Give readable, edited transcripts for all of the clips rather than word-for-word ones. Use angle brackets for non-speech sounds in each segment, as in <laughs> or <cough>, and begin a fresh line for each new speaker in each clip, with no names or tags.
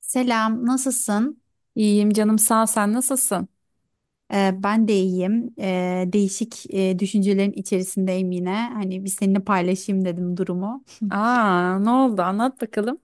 Selam, nasılsın?
İyiyim canım sağ ol. Sen nasılsın?
Ben de iyiyim. Değişik düşüncelerin içerisindeyim yine. Hani bir seninle paylaşayım dedim durumu.
Aa, ne oldu, anlat bakalım.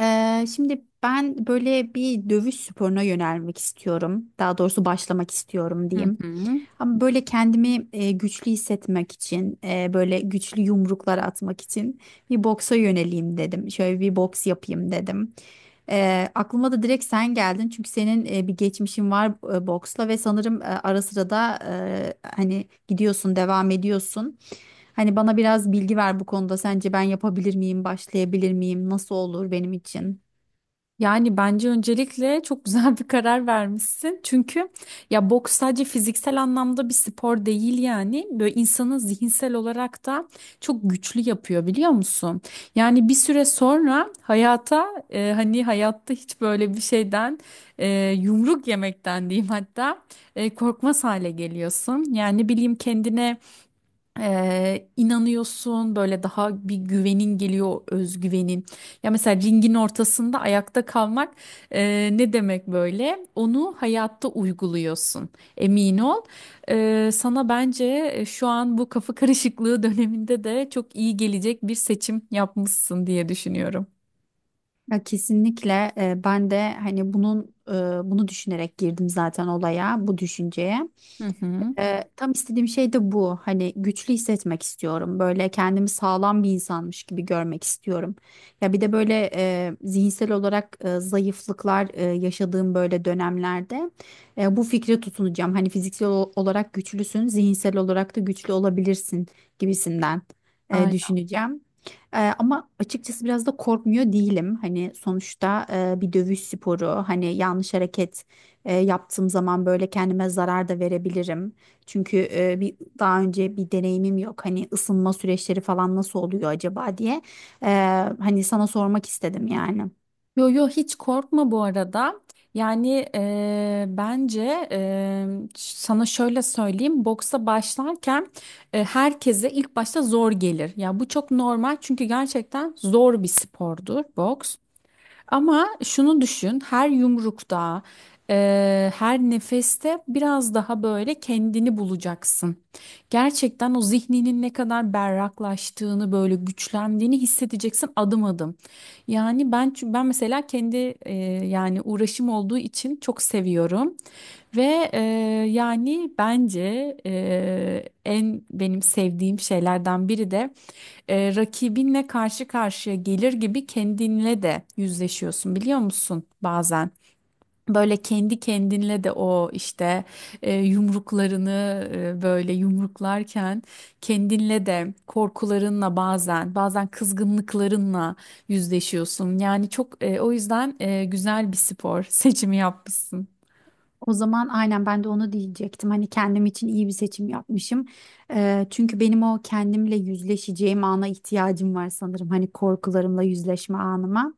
Şimdi ben böyle bir dövüş sporuna yönelmek istiyorum. Daha doğrusu başlamak istiyorum
Hı
diyeyim.
hı.
Ama böyle kendimi güçlü hissetmek için, böyle güçlü yumruklar atmak için bir boksa yöneleyim dedim. Şöyle bir boks yapayım dedim. Aklıma da direkt sen geldin çünkü senin bir geçmişin var boksla ve sanırım ara sıra da hani gidiyorsun, devam ediyorsun. Hani bana biraz bilgi ver bu konuda. Sence ben yapabilir miyim, başlayabilir miyim? Nasıl olur benim için?
Yani bence öncelikle çok <laughs> güzel bir karar vermişsin. Çünkü ya boks sadece fiziksel anlamda bir spor değil yani. Böyle insanı zihinsel olarak da çok güçlü yapıyor biliyor musun? Yani bir süre sonra hayata hani hayatta hiç böyle bir şeyden e, yumruk yemekten diyeyim hatta korkmaz hale geliyorsun. Yani ne bileyim, kendine inanıyorsun, böyle daha bir güvenin geliyor, özgüvenin. Ya mesela ringin ortasında ayakta kalmak ne demek böyle? Onu hayatta uyguluyorsun. Emin ol. Sana bence şu an bu kafa karışıklığı döneminde de çok iyi gelecek bir seçim yapmışsın diye düşünüyorum.
Ya kesinlikle ben de hani bunu düşünerek girdim zaten olaya, bu düşünceye.
Hı hı.
Tam istediğim şey de bu. Hani güçlü hissetmek istiyorum. Böyle kendimi sağlam bir insanmış gibi görmek istiyorum. Ya bir de böyle zihinsel olarak zayıflıklar yaşadığım böyle dönemlerde bu fikre tutunacağım. Hani fiziksel olarak güçlüsün, zihinsel olarak da güçlü olabilirsin gibisinden düşüneceğim. Ama açıkçası biraz da korkmuyor değilim. Hani sonuçta bir dövüş sporu, hani yanlış hareket yaptığım zaman böyle kendime zarar da verebilirim. Çünkü bir daha önce bir deneyimim yok. Hani ısınma süreçleri falan nasıl oluyor acaba diye. E, hani sana sormak istedim yani.
Yo yo, hiç korkma bu arada. Yani bence sana şöyle söyleyeyim. Boksa başlarken herkese ilk başta zor gelir. Ya bu çok normal, çünkü gerçekten zor bir spordur boks. Ama şunu düşün, her yumrukta, her nefeste biraz daha böyle kendini bulacaksın. Gerçekten o zihninin ne kadar berraklaştığını, böyle güçlendiğini hissedeceksin adım adım. Yani ben mesela kendi eee, yani uğraşım olduğu için çok seviyorum ve yani bence en benim sevdiğim şeylerden biri de rakibinle karşı karşıya gelir gibi kendinle de yüzleşiyorsun biliyor musun bazen? Böyle kendi kendinle de o işte yumruklarını böyle yumruklarken kendinle de, korkularınla, bazen kızgınlıklarınla yüzleşiyorsun. Yani çok o yüzden güzel bir spor <laughs> seçimi yapmışsın.
O zaman aynen ben de onu diyecektim. Hani kendim için iyi bir seçim yapmışım. Çünkü benim o kendimle yüzleşeceğim ana ihtiyacım var sanırım. Hani korkularımla yüzleşme anıma.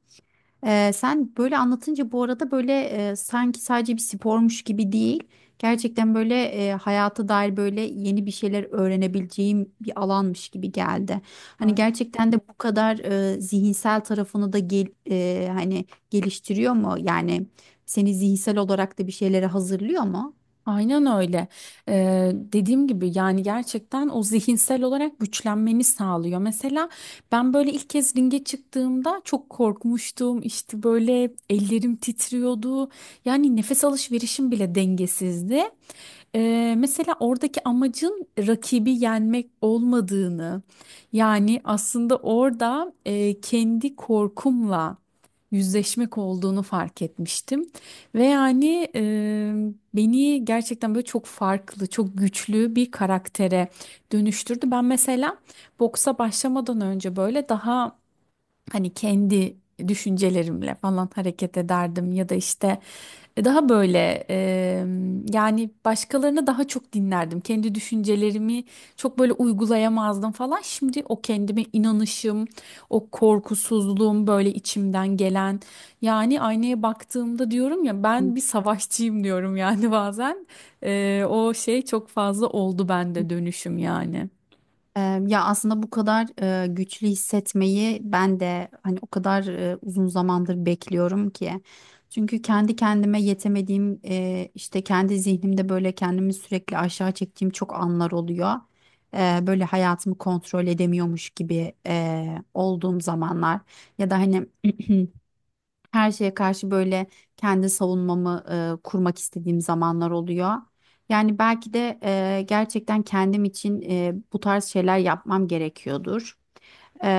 Sen böyle anlatınca bu arada böyle sanki sadece bir spormuş gibi değil. Gerçekten böyle hayata dair böyle yeni bir şeyler öğrenebileceğim bir alanmış gibi geldi. Hani gerçekten de bu kadar zihinsel tarafını da hani geliştiriyor mu? Yani seni zihinsel olarak da bir şeylere hazırlıyor mu?
Aynen öyle. Dediğim gibi, yani gerçekten o zihinsel olarak güçlenmeni sağlıyor. Mesela ben böyle ilk kez ringe çıktığımda çok korkmuştum. İşte böyle ellerim titriyordu. Yani nefes alışverişim bile dengesizdi. Mesela oradaki amacın rakibi yenmek olmadığını, yani aslında orada kendi korkumla yüzleşmek olduğunu fark etmiştim. Ve yani beni gerçekten böyle çok farklı, çok güçlü bir karaktere dönüştürdü. Ben mesela boksa başlamadan önce böyle daha hani kendi düşüncelerimle falan hareket ederdim ya da işte daha böyle yani başkalarını daha çok dinlerdim. Kendi düşüncelerimi çok böyle uygulayamazdım falan. Şimdi o kendime inanışım, o korkusuzluğum böyle içimden gelen, yani aynaya baktığımda diyorum ya, ben bir savaşçıyım diyorum yani <laughs> bazen. E, o şey çok fazla oldu bende, dönüşüm yani.
Ya aslında bu kadar güçlü hissetmeyi ben de hani o kadar uzun zamandır bekliyorum ki. Çünkü kendi kendime yetemediğim işte kendi zihnimde böyle kendimi sürekli aşağı çektiğim çok anlar oluyor. Böyle hayatımı kontrol edemiyormuş gibi olduğum zamanlar ya da hani <clears throat> her şeye karşı böyle kendi savunmamı kurmak istediğim zamanlar oluyor. Yani belki de gerçekten kendim için bu tarz şeyler yapmam gerekiyordur. Eee,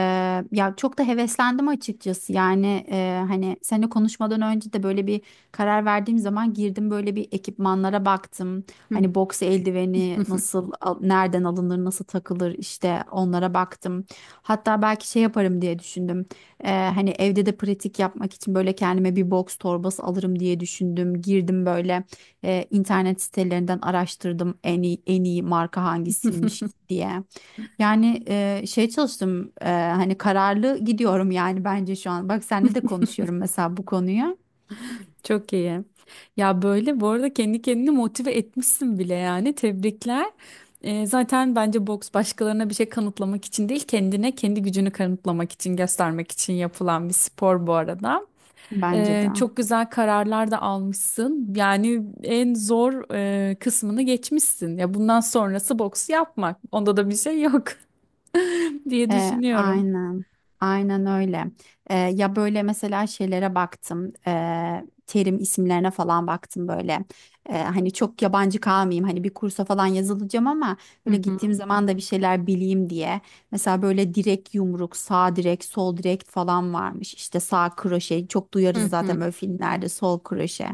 ya çok da heveslendim açıkçası yani hani seninle konuşmadan önce de böyle bir karar verdiğim zaman girdim böyle bir ekipmanlara baktım.
Hı.
Hani boks eldiveni
<laughs>
nereden alınır, nasıl takılır, işte onlara baktım. Hatta belki şey yaparım diye düşündüm. Hani evde de pratik yapmak için böyle kendime bir boks torbası alırım diye düşündüm, girdim böyle internet sitelerinden araştırdım en iyi marka hangisiymiş diye. Yani şey çalıştım, hani kararlı gidiyorum yani bence şu an. Bak seninle de konuşuyorum mesela bu konuyu.
Çok iyi. Ya böyle bu arada kendi kendini motive etmişsin bile yani. Tebrikler. Zaten bence boks başkalarına bir şey kanıtlamak için değil, kendine kendi gücünü kanıtlamak için, göstermek için yapılan bir spor bu arada.
Bence de.
Çok güzel kararlar da almışsın. Yani en zor kısmını geçmişsin. Ya bundan sonrası boks yapmak. Onda da bir şey yok <laughs> diye
E,
düşünüyorum.
aynen. Aynen öyle. Ya böyle mesela şeylere baktım. Terim isimlerine falan baktım böyle. Hani çok yabancı kalmayayım. Hani bir kursa falan yazılacağım ama böyle
Hı
gittiğim
hı,
zaman da bir şeyler bileyim diye. Mesela böyle direkt yumruk, sağ direkt, sol direkt falan varmış. İşte sağ kroşe. Çok
hı
duyarız
hı,
zaten böyle filmlerde sol kroşe.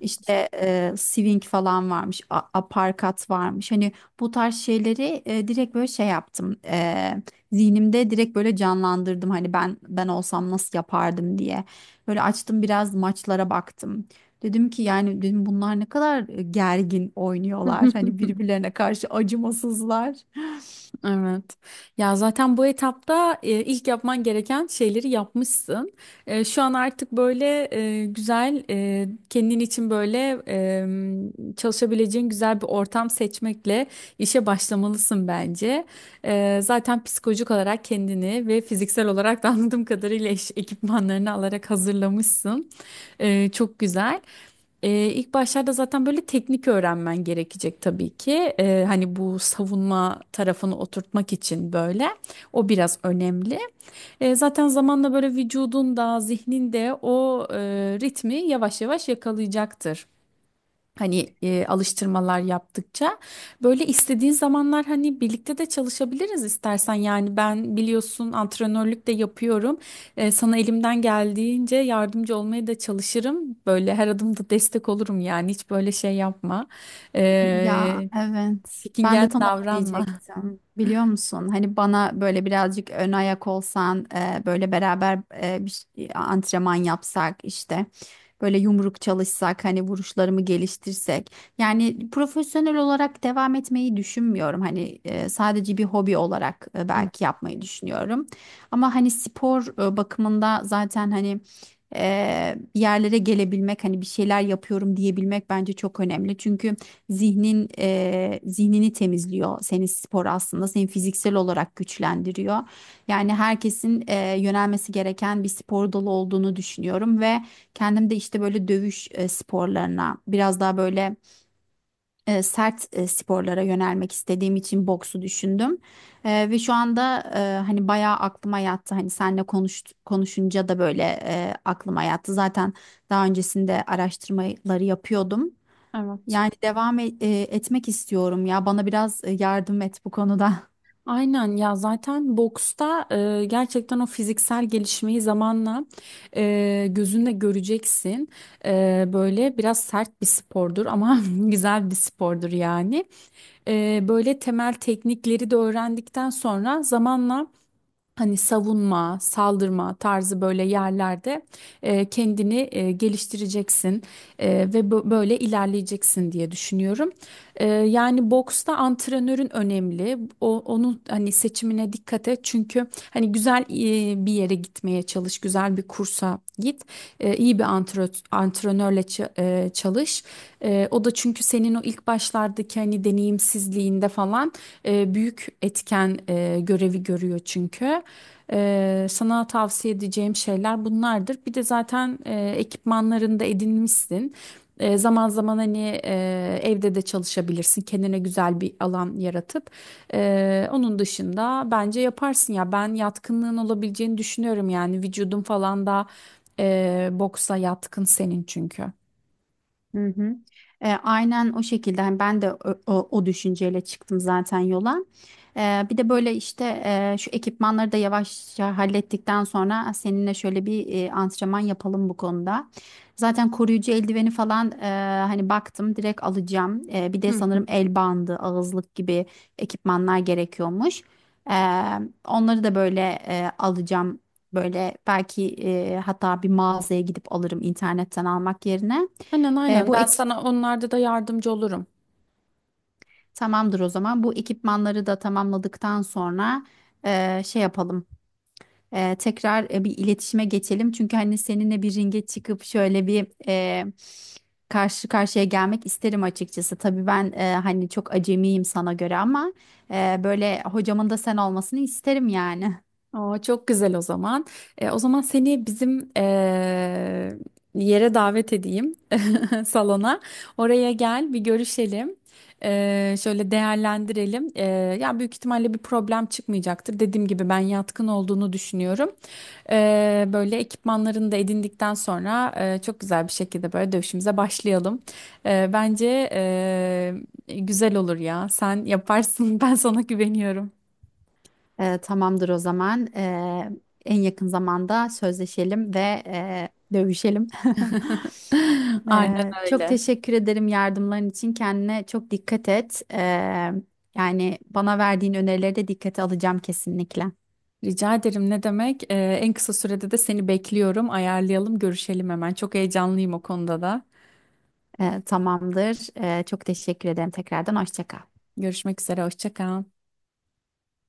İşte swing falan varmış, aparkat varmış. Hani bu tarz şeyleri direkt böyle şey yaptım. Zihnimde direkt böyle canlandırdım, hani ben olsam nasıl yapardım diye. Böyle açtım biraz maçlara baktım. Dedim ki yani, dedim bunlar ne kadar gergin
hı.
oynuyorlar. Hani
<laughs>
birbirlerine karşı acımasızlar.
Evet. Ya zaten bu etapta ilk yapman gereken şeyleri yapmışsın. E, şu an artık böyle güzel kendin için böyle çalışabileceğin güzel bir ortam seçmekle işe başlamalısın bence. E, zaten psikolojik olarak kendini ve fiziksel olarak da, anladığım kadarıyla, ekipmanlarını alarak hazırlamışsın. E, çok güzel. İlk başlarda zaten böyle teknik öğrenmen gerekecek tabii ki. Hani bu savunma tarafını oturtmak için böyle. O biraz önemli. Zaten zamanla böyle vücudun da zihnin de o ritmi yavaş yavaş yakalayacaktır. Hani alıştırmalar yaptıkça böyle istediğin zamanlar hani birlikte de çalışabiliriz istersen, yani ben biliyorsun antrenörlük de yapıyorum. E, sana elimden geldiğince yardımcı olmaya da çalışırım, böyle her adımda destek olurum, yani hiç böyle şey yapma,
Ya,
E,
evet. Ben de
çekingen
tam onu
davranma.
diyecektim. Biliyor musun? Hani bana böyle birazcık ön ayak olsan, böyle beraber antrenman yapsak işte. Böyle yumruk çalışsak, hani vuruşlarımı geliştirsek. Yani profesyonel olarak devam etmeyi düşünmüyorum. Hani sadece bir hobi olarak belki yapmayı düşünüyorum. Ama hani spor bakımında zaten hani bir yerlere gelebilmek, hani bir şeyler yapıyorum diyebilmek bence çok önemli. Çünkü zihnini temizliyor senin spor, aslında seni fiziksel olarak güçlendiriyor. Yani herkesin yönelmesi gereken bir spor dalı olduğunu düşünüyorum ve kendim de işte böyle dövüş sporlarına biraz daha böyle sert sporlara yönelmek istediğim için boksu düşündüm. Ve şu anda hani bayağı aklıma yattı, hani konuşunca da böyle aklıma yattı zaten, daha öncesinde araştırmaları yapıyordum.
Evet.
Yani etmek istiyorum ya. Bana biraz yardım et bu konuda. <laughs>
Aynen, ya zaten boksta gerçekten o fiziksel gelişmeyi zamanla gözünle göreceksin. E, böyle biraz sert bir spordur ama <laughs> güzel bir spordur yani. E, böyle temel teknikleri de öğrendikten sonra zamanla, hani savunma, saldırma tarzı böyle yerlerde kendini geliştireceksin ve böyle ilerleyeceksin diye düşünüyorum. E, yani boksta antrenörün önemli. Onun hani seçimine dikkat et. Çünkü hani güzel bir yere gitmeye çalış, güzel bir kursa git. E, iyi bir antrenör, antrenörle çalış. E, o da çünkü senin o ilk başlardaki hani deneyimsizliğinde falan büyük etken görevi görüyor çünkü. Sana tavsiye edeceğim şeyler bunlardır. Bir de zaten ekipmanlarını da edinmişsin. E, zaman zaman hani evde de çalışabilirsin. Kendine güzel bir alan yaratıp. E, onun dışında bence yaparsın ya. Ben yatkınlığın olabileceğini düşünüyorum yani. Vücudun falan da boksa yatkın senin çünkü.
Hı hı. Aynen o şekilde hani ben de o düşünceyle çıktım zaten yola. Bir de böyle işte şu ekipmanları da yavaşça hallettikten sonra seninle şöyle bir antrenman yapalım bu konuda. Zaten koruyucu eldiveni falan hani baktım, direkt alacağım. Bir de
Hı.
sanırım el bandı, ağızlık gibi ekipmanlar gerekiyormuş. E, onları da böyle alacağım. Böyle belki hatta bir mağazaya gidip alırım internetten almak yerine.
Aynen
E,
aynen.
bu
Ben
ek
sana onlarda da yardımcı olurum.
tamamdır o zaman. Bu ekipmanları da tamamladıktan sonra şey yapalım. Tekrar bir iletişime geçelim. Çünkü hani seninle bir ringe çıkıp şöyle bir karşı karşıya gelmek isterim açıkçası. Tabii ben hani çok acemiyim sana göre ama böyle hocamın da sen olmasını isterim yani.
Aa, çok güzel o zaman. E, o zaman seni bizim yere davet edeyim. Salona. Oraya gel bir görüşelim. Şöyle değerlendirelim. Ya büyük ihtimalle bir problem çıkmayacaktır. Dediğim gibi ben yatkın olduğunu düşünüyorum. Böyle ekipmanlarını da edindikten sonra çok güzel bir şekilde böyle dövüşümüze başlayalım. Bence güzel olur ya. Sen yaparsın. <laughs> Ben sana güveniyorum.
Tamamdır o zaman. En yakın zamanda sözleşelim ve dövüşelim. <laughs>
<laughs> Aynen
Çok
öyle.
teşekkür ederim yardımların için. Kendine çok dikkat et. Yani bana verdiğin önerileri de dikkate alacağım kesinlikle.
Rica ederim, ne demek? En kısa sürede de seni bekliyorum. Ayarlayalım, görüşelim hemen. Çok heyecanlıyım o konuda da.
Tamamdır. Çok teşekkür ederim tekrardan. Hoşça kal.
Görüşmek üzere. Hoşça kal.